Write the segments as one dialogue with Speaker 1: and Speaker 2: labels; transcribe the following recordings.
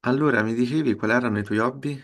Speaker 1: Allora, mi dicevi quali erano i tuoi hobby?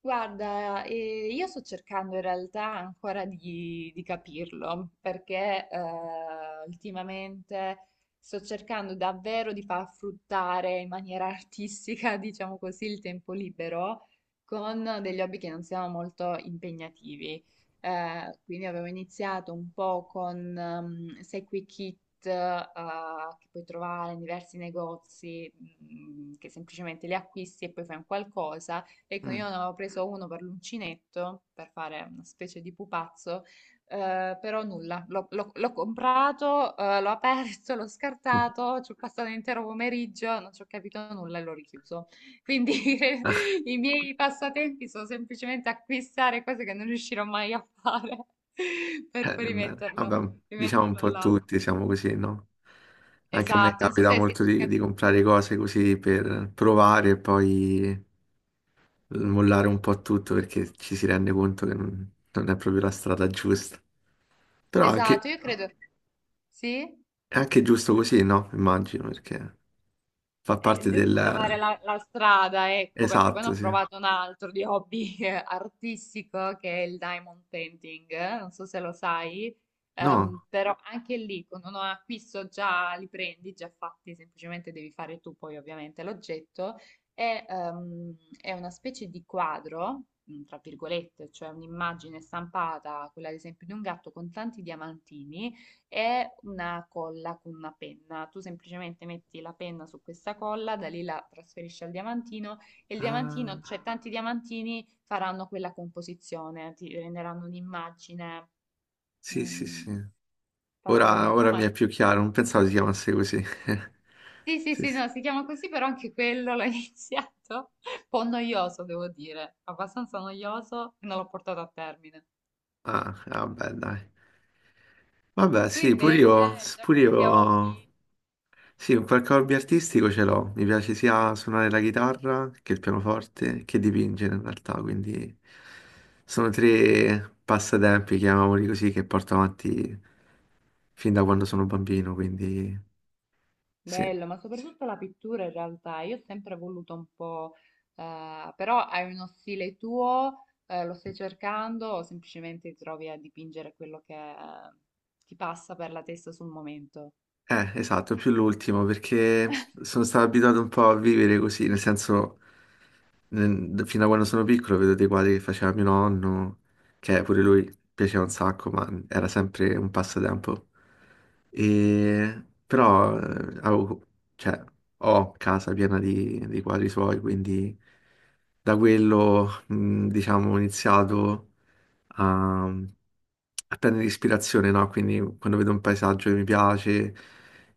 Speaker 2: Guarda, io sto cercando in realtà ancora di capirlo, perché ultimamente sto cercando davvero di far fruttare in maniera artistica, diciamo così, il tempo libero con degli hobby che non siano molto impegnativi. Quindi avevo iniziato un po' con Sequi Kit, che puoi trovare in diversi negozi, mm, che semplicemente li acquisti e poi fai un qualcosa. Ecco,
Speaker 1: Mm.
Speaker 2: io ne avevo preso uno per l'uncinetto, per fare una specie di pupazzo, però nulla, l'ho comprato, l'ho aperto, l'ho scartato, ci ho passato l'intero pomeriggio, non ci ho capito nulla e l'ho richiuso. Quindi i miei passatempi sono semplicemente acquistare cose che non riuscirò mai a fare per
Speaker 1: Ah,
Speaker 2: poi
Speaker 1: bene, bene.
Speaker 2: rimetterlo,
Speaker 1: Vabbè, diciamo un
Speaker 2: rimetterlo
Speaker 1: po'
Speaker 2: là.
Speaker 1: tutti, siamo così, no? Anche a me
Speaker 2: Esatto, non so
Speaker 1: capita
Speaker 2: se si...
Speaker 1: molto
Speaker 2: è cap-
Speaker 1: di comprare cose così per provare e poi mollare un po' tutto perché ci si rende conto che non, non è proprio la strada giusta. Però anche,
Speaker 2: Esatto, io credo... Sì?
Speaker 1: è anche giusto così, no? Immagino, perché fa
Speaker 2: È
Speaker 1: parte
Speaker 2: giusto trovare
Speaker 1: del...
Speaker 2: la strada, ecco, perché poi ne
Speaker 1: Esatto,
Speaker 2: ho
Speaker 1: sì.
Speaker 2: provato un altro di hobby artistico, che è il diamond painting, non so se lo sai,
Speaker 1: No?
Speaker 2: però anche lì con un acquisto già li prendi, già fatti, semplicemente devi fare tu poi ovviamente l'oggetto, è una specie di quadro, mm, tra virgolette, cioè un'immagine stampata, quella ad esempio di un gatto con tanti diamantini è una colla con una penna. Tu semplicemente metti la penna su questa colla, da lì la trasferisci al diamantino e il diamantino,
Speaker 1: Ah,
Speaker 2: cioè tanti diamantini faranno quella composizione, ti renderanno un'immagine
Speaker 1: sì, sì, sì.
Speaker 2: mm, fatta con i
Speaker 1: Ora,
Speaker 2: diamanti. Ah,
Speaker 1: ora mi è
Speaker 2: ma
Speaker 1: più chiaro, non pensavo si chiamasse così.
Speaker 2: sì, sì,
Speaker 1: Sì,
Speaker 2: sì,
Speaker 1: sì.
Speaker 2: no, si chiama così, però anche quello l'ho iniziato. Un po' noioso, devo dire, abbastanza noioso e non l'ho portato a termine.
Speaker 1: Ah, ah, vabbè, dai. Vabbè,
Speaker 2: Tu
Speaker 1: sì,
Speaker 2: invece hai già
Speaker 1: pure
Speaker 2: qualche
Speaker 1: io,
Speaker 2: hobby?
Speaker 1: sì, un qualche hobby artistico ce l'ho. Mi piace sia suonare la chitarra che il pianoforte, che dipingere in realtà, quindi sono tre passatempi, chiamiamoli così, che porto avanti fin da quando sono bambino, quindi sì.
Speaker 2: Bello, ma soprattutto la pittura in realtà, io ho sempre voluto un po', però hai uno stile tuo, lo stai cercando o semplicemente ti trovi a dipingere quello che ti passa per la testa sul momento?
Speaker 1: Esatto, più l'ultimo, perché sono stato abituato un po' a vivere così, nel senso, fino a quando sono piccolo vedo dei quadri che faceva mio nonno, che pure lui piaceva un sacco, ma era sempre un passatempo. E, però, cioè, ho casa piena di quadri suoi, quindi da quello, diciamo, ho iniziato a, a prendere ispirazione, no? Quindi quando vedo un paesaggio che mi piace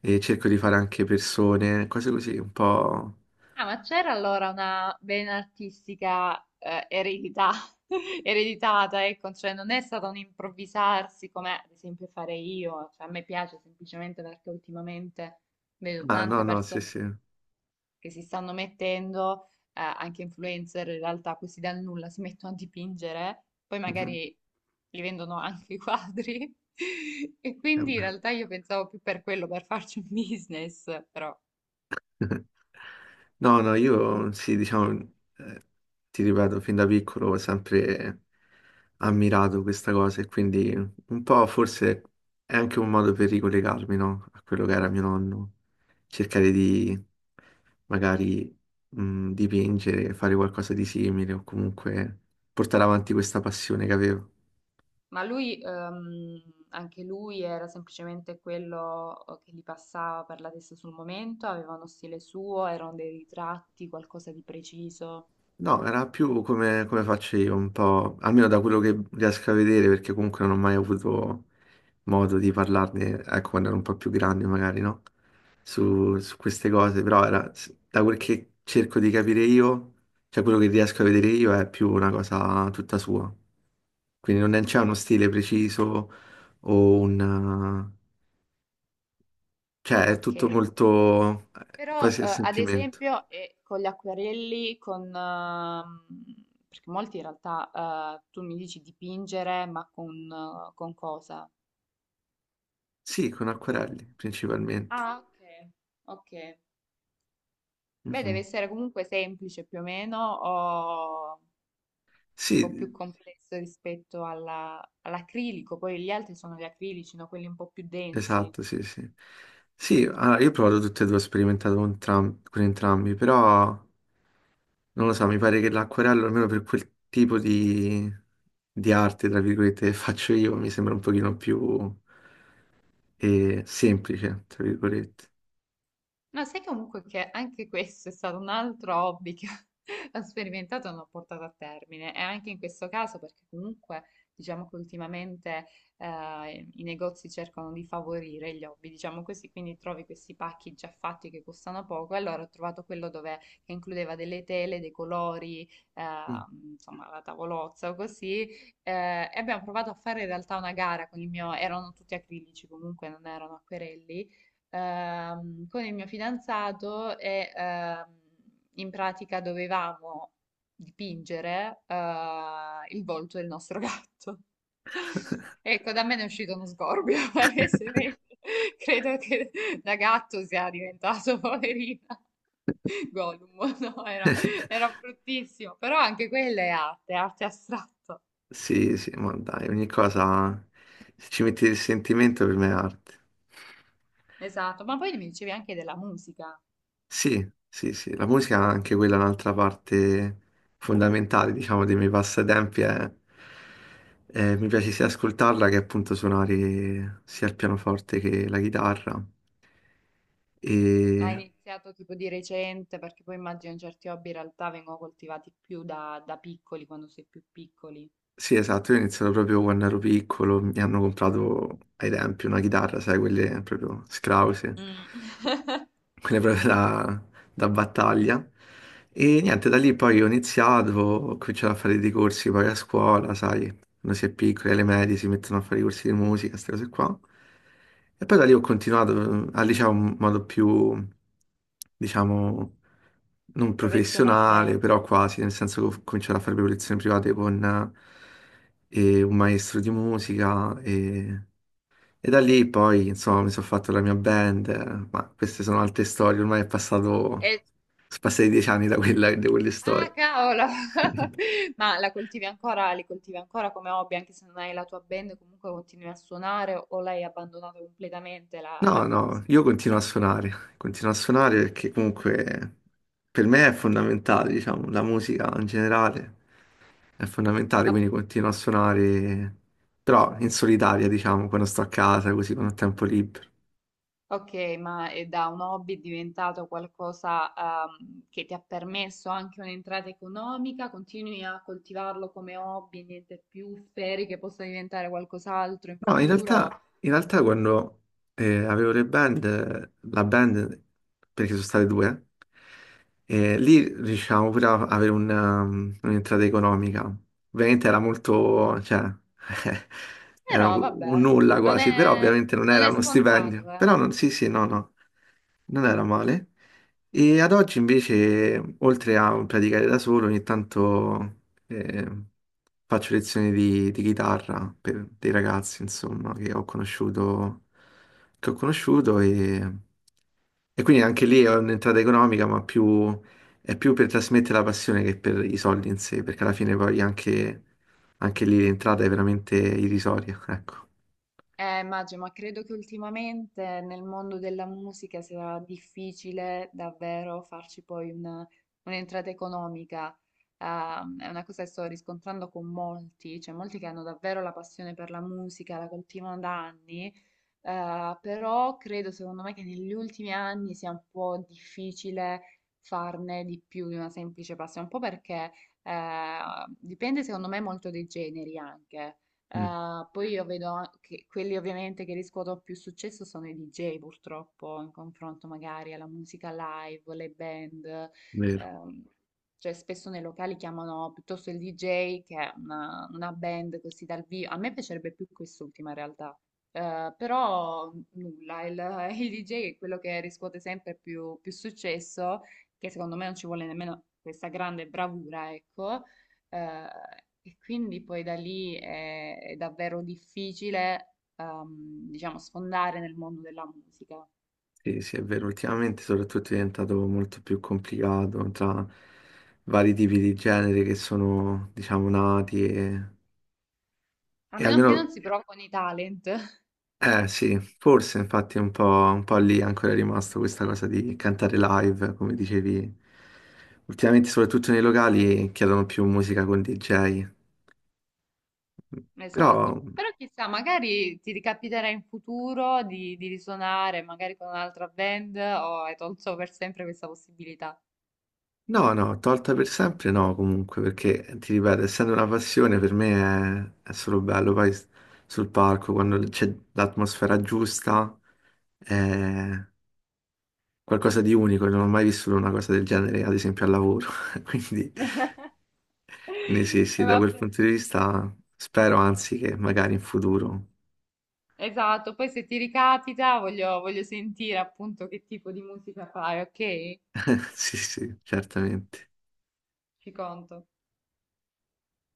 Speaker 1: e cerco di fare anche persone, cose così, un po'...
Speaker 2: Ah, ma c'era allora una vena artistica eredità, ereditata, ecco, cioè non è stato un improvvisarsi come ad esempio fare io, cioè, a me piace semplicemente perché ultimamente vedo
Speaker 1: Ah, no,
Speaker 2: tante
Speaker 1: no, sì,
Speaker 2: persone
Speaker 1: sì.
Speaker 2: che si stanno mettendo, anche influencer in realtà, questi dal nulla si mettono a dipingere, poi
Speaker 1: Mhm.
Speaker 2: magari li vendono anche i quadri. E
Speaker 1: Eh
Speaker 2: quindi in
Speaker 1: beh.
Speaker 2: realtà io pensavo più per quello, per farci un business, però.
Speaker 1: No, no, io sì, diciamo, eh, ti ripeto, fin da piccolo ho sempre ammirato questa cosa e quindi un po' forse è anche un modo per ricollegarmi, no? A quello che era mio nonno, cercare di magari dipingere, fare qualcosa di simile o comunque portare avanti questa passione che avevo.
Speaker 2: Ma lui, anche lui era semplicemente quello che gli passava per la testa sul momento, aveva uno stile suo, erano dei ritratti, qualcosa di preciso.
Speaker 1: No, era più come, come faccio io, un po', almeno da quello che riesco a vedere, perché comunque non ho mai avuto modo di parlarne, ecco, quando ero un po' più grande, magari, no? Su, su queste cose, però era, da quel che cerco di capire io, cioè quello che riesco a vedere io è più una cosa tutta sua. Quindi non è- c'è uno stile preciso o un... cioè è tutto
Speaker 2: Ok.
Speaker 1: molto
Speaker 2: Però,
Speaker 1: quasi a
Speaker 2: ad
Speaker 1: sentimento.
Speaker 2: esempio, con gli acquerelli, perché molti in realtà, tu mi dici dipingere, ma con cosa?
Speaker 1: Sì, con acquerelli principalmente.
Speaker 2: Ah, ok, ok. Beh,
Speaker 1: Mhm.
Speaker 2: deve essere comunque semplice più o meno, o un po' più
Speaker 1: Sì,
Speaker 2: complesso rispetto alla- all'acrilico. Poi gli altri sono gli acrilici, no? Quelli un po' più densi.
Speaker 1: esatto, sì, sì. Sì, allora, io ho provato tutte e due, ho sperimentato con entrambi, però non lo so, mi pare che l'acquerello, almeno per quel tipo di arte, tra virgolette, che faccio io, mi sembra un pochino più semplice, tra virgolette.
Speaker 2: No, sai comunque che anche questo è stato un altro hobby che ho sperimentato e non ho portato a termine. E anche in questo caso, perché comunque diciamo che ultimamente i negozi cercano di favorire gli hobby, diciamo così, quindi trovi questi pacchi già fatti che costano poco. E allora ho trovato quello dove, che includeva delle tele, dei colori, eh,
Speaker 1: Mm.
Speaker 2: insomma la tavolozza o così. E abbiamo provato a fare in realtà una gara con il mio, erano tutti acrilici comunque, non erano acquerelli con il mio fidanzato e in pratica dovevamo dipingere il volto del nostro gatto. Ecco, da me ne è uscito uno sgorbio, palesemente. Credo che da gatto sia diventato poverina. Gollum, no, era, era bruttissimo, però anche quella è arte, arte astratta.
Speaker 1: Sì, sì, ma dai, ogni cosa, se ci metti il sentimento, per me è arte.
Speaker 2: Esatto, ma poi mi dicevi anche della musica.
Speaker 1: Sì, sì, sì, la musica è anche quella un'altra parte fondamentale, diciamo, dei miei passatempi. Mi piace sia ascoltarla che appunto suonare sia il pianoforte che la chitarra.
Speaker 2: Ma hai
Speaker 1: E
Speaker 2: iniziato tipo di recente, perché poi immagino certi hobby in realtà vengono coltivati più da piccoli, quando sei più piccoli.
Speaker 1: sì, esatto, io ho iniziato proprio quando ero piccolo, mi hanno comprato ai tempi una chitarra, sai, quelle proprio scrause,
Speaker 2: Mm.
Speaker 1: quelle proprio da, da battaglia. E niente, da lì poi ho iniziato, ho cominciato a fare dei corsi poi a scuola, sai, quando si è piccoli, alle medie si mettono a fare i corsi di musica, queste cose qua. E poi da lì ho continuato al liceo in modo più, diciamo, non professionale,
Speaker 2: Professionale.
Speaker 1: però quasi, nel senso che ho cominciato a fare le lezioni private con un maestro di musica e da lì poi, insomma, mi sono fatto la mia band, ma queste sono altre storie, ormai è passato, sono
Speaker 2: E-
Speaker 1: passati dieci anni da quella- da quelle
Speaker 2: Ah,
Speaker 1: storie.
Speaker 2: cavolo! Ma la coltivi ancora, li coltivi ancora come hobby, anche se non hai la tua band, comunque continui a suonare o l'hai abbandonata completamente la
Speaker 1: No, no,
Speaker 2: musica?
Speaker 1: io continuo a suonare perché comunque per me è fondamentale, diciamo, la musica in generale è fondamentale, quindi continuo a suonare, però in solitaria, diciamo, quando sto a casa, così quando ho tempo libero.
Speaker 2: Ok, ma è da un hobby diventato qualcosa, che ti ha permesso anche un'entrata economica? Continui a coltivarlo come hobby, niente più, speri che possa diventare qualcos'altro in
Speaker 1: No,
Speaker 2: futuro?
Speaker 1: in realtà quando la band, perché sono state due, lì riuscivamo pure a avere un'entrata economica. Ovviamente era molto, cioè, era
Speaker 2: Però
Speaker 1: un
Speaker 2: vabbè,
Speaker 1: nulla
Speaker 2: non
Speaker 1: quasi, però
Speaker 2: è,
Speaker 1: ovviamente non
Speaker 2: non
Speaker 1: era
Speaker 2: è
Speaker 1: uno stipendio.
Speaker 2: scontato, eh.
Speaker 1: Però non, sì, sì, no, no, non era male. E ad oggi invece, oltre a praticare da solo, ogni tanto... E faccio lezioni di chitarra per dei ragazzi, insomma, che ho conosciuto e quindi anche lì è un'entrata economica, è più per trasmettere la passione che per i soldi in sé, perché alla fine poi anche, anche lì l'entrata è veramente irrisoria, ecco.
Speaker 2: Immagino, ma credo che ultimamente nel mondo della musica sia difficile davvero farci poi una- un'entrata economica. È una cosa che sto riscontrando con molti, cioè molti che hanno davvero la passione per la musica, la coltivano da anni, però credo, secondo me, che negli ultimi anni sia un po' difficile farne di più di una semplice passione, un po' perché eh, dipende, secondo me, molto dai generi anche.
Speaker 1: Mm,
Speaker 2: Poi io vedo an- che quelli ovviamente che riscuotono più successo sono i DJ, purtroppo, in confronto magari alla musica live, le band.
Speaker 1: vero,
Speaker 2: Ehm, cioè spesso nei locali chiamano piuttosto il DJ che una band così dal vivo. A me piacerebbe più quest'ultima in realtà però nulla, il, il DJ è quello che riscuote sempre più successo, che secondo me non ci vuole nemmeno questa grande bravura, ecco. Eh, e quindi poi da lì è davvero difficile, diciamo, sfondare nel mondo della musica.
Speaker 1: sì, sì, è vero. Ultimamente soprattutto è diventato molto più complicato tra vari tipi di genere che sono, diciamo, nati
Speaker 2: A
Speaker 1: e
Speaker 2: meno che
Speaker 1: almeno
Speaker 2: non si provi con i talent,
Speaker 1: eh sì, forse infatti un po' lì ancora è rimasto questa cosa di cantare live, come dicevi. Ultimamente, soprattutto nei locali, chiedono più musica con DJ.
Speaker 2: esatto.
Speaker 1: Però,
Speaker 2: Però chissà, magari ti ricapiterà in futuro di risuonare, magari con un'altra band, o hai tolto per sempre questa possibilità.
Speaker 1: no, no, tolta per sempre no, comunque, perché ti ripeto, essendo una passione, per me è solo bello. Poi sul palco, quando c'è l'atmosfera giusta, eh, qualcosa di unico, non ho mai vissuto una cosa del genere, ad esempio al lavoro. Quindi, quindi sì, sì, da quel
Speaker 2: Vabbè,
Speaker 1: punto di vista spero, anzi, che magari in futuro.
Speaker 2: esatto, poi se ti ricapita voglio, voglio sentire appunto che tipo di musica fai, ok?
Speaker 1: Sì, sì, certamente.
Speaker 2: Ci conto.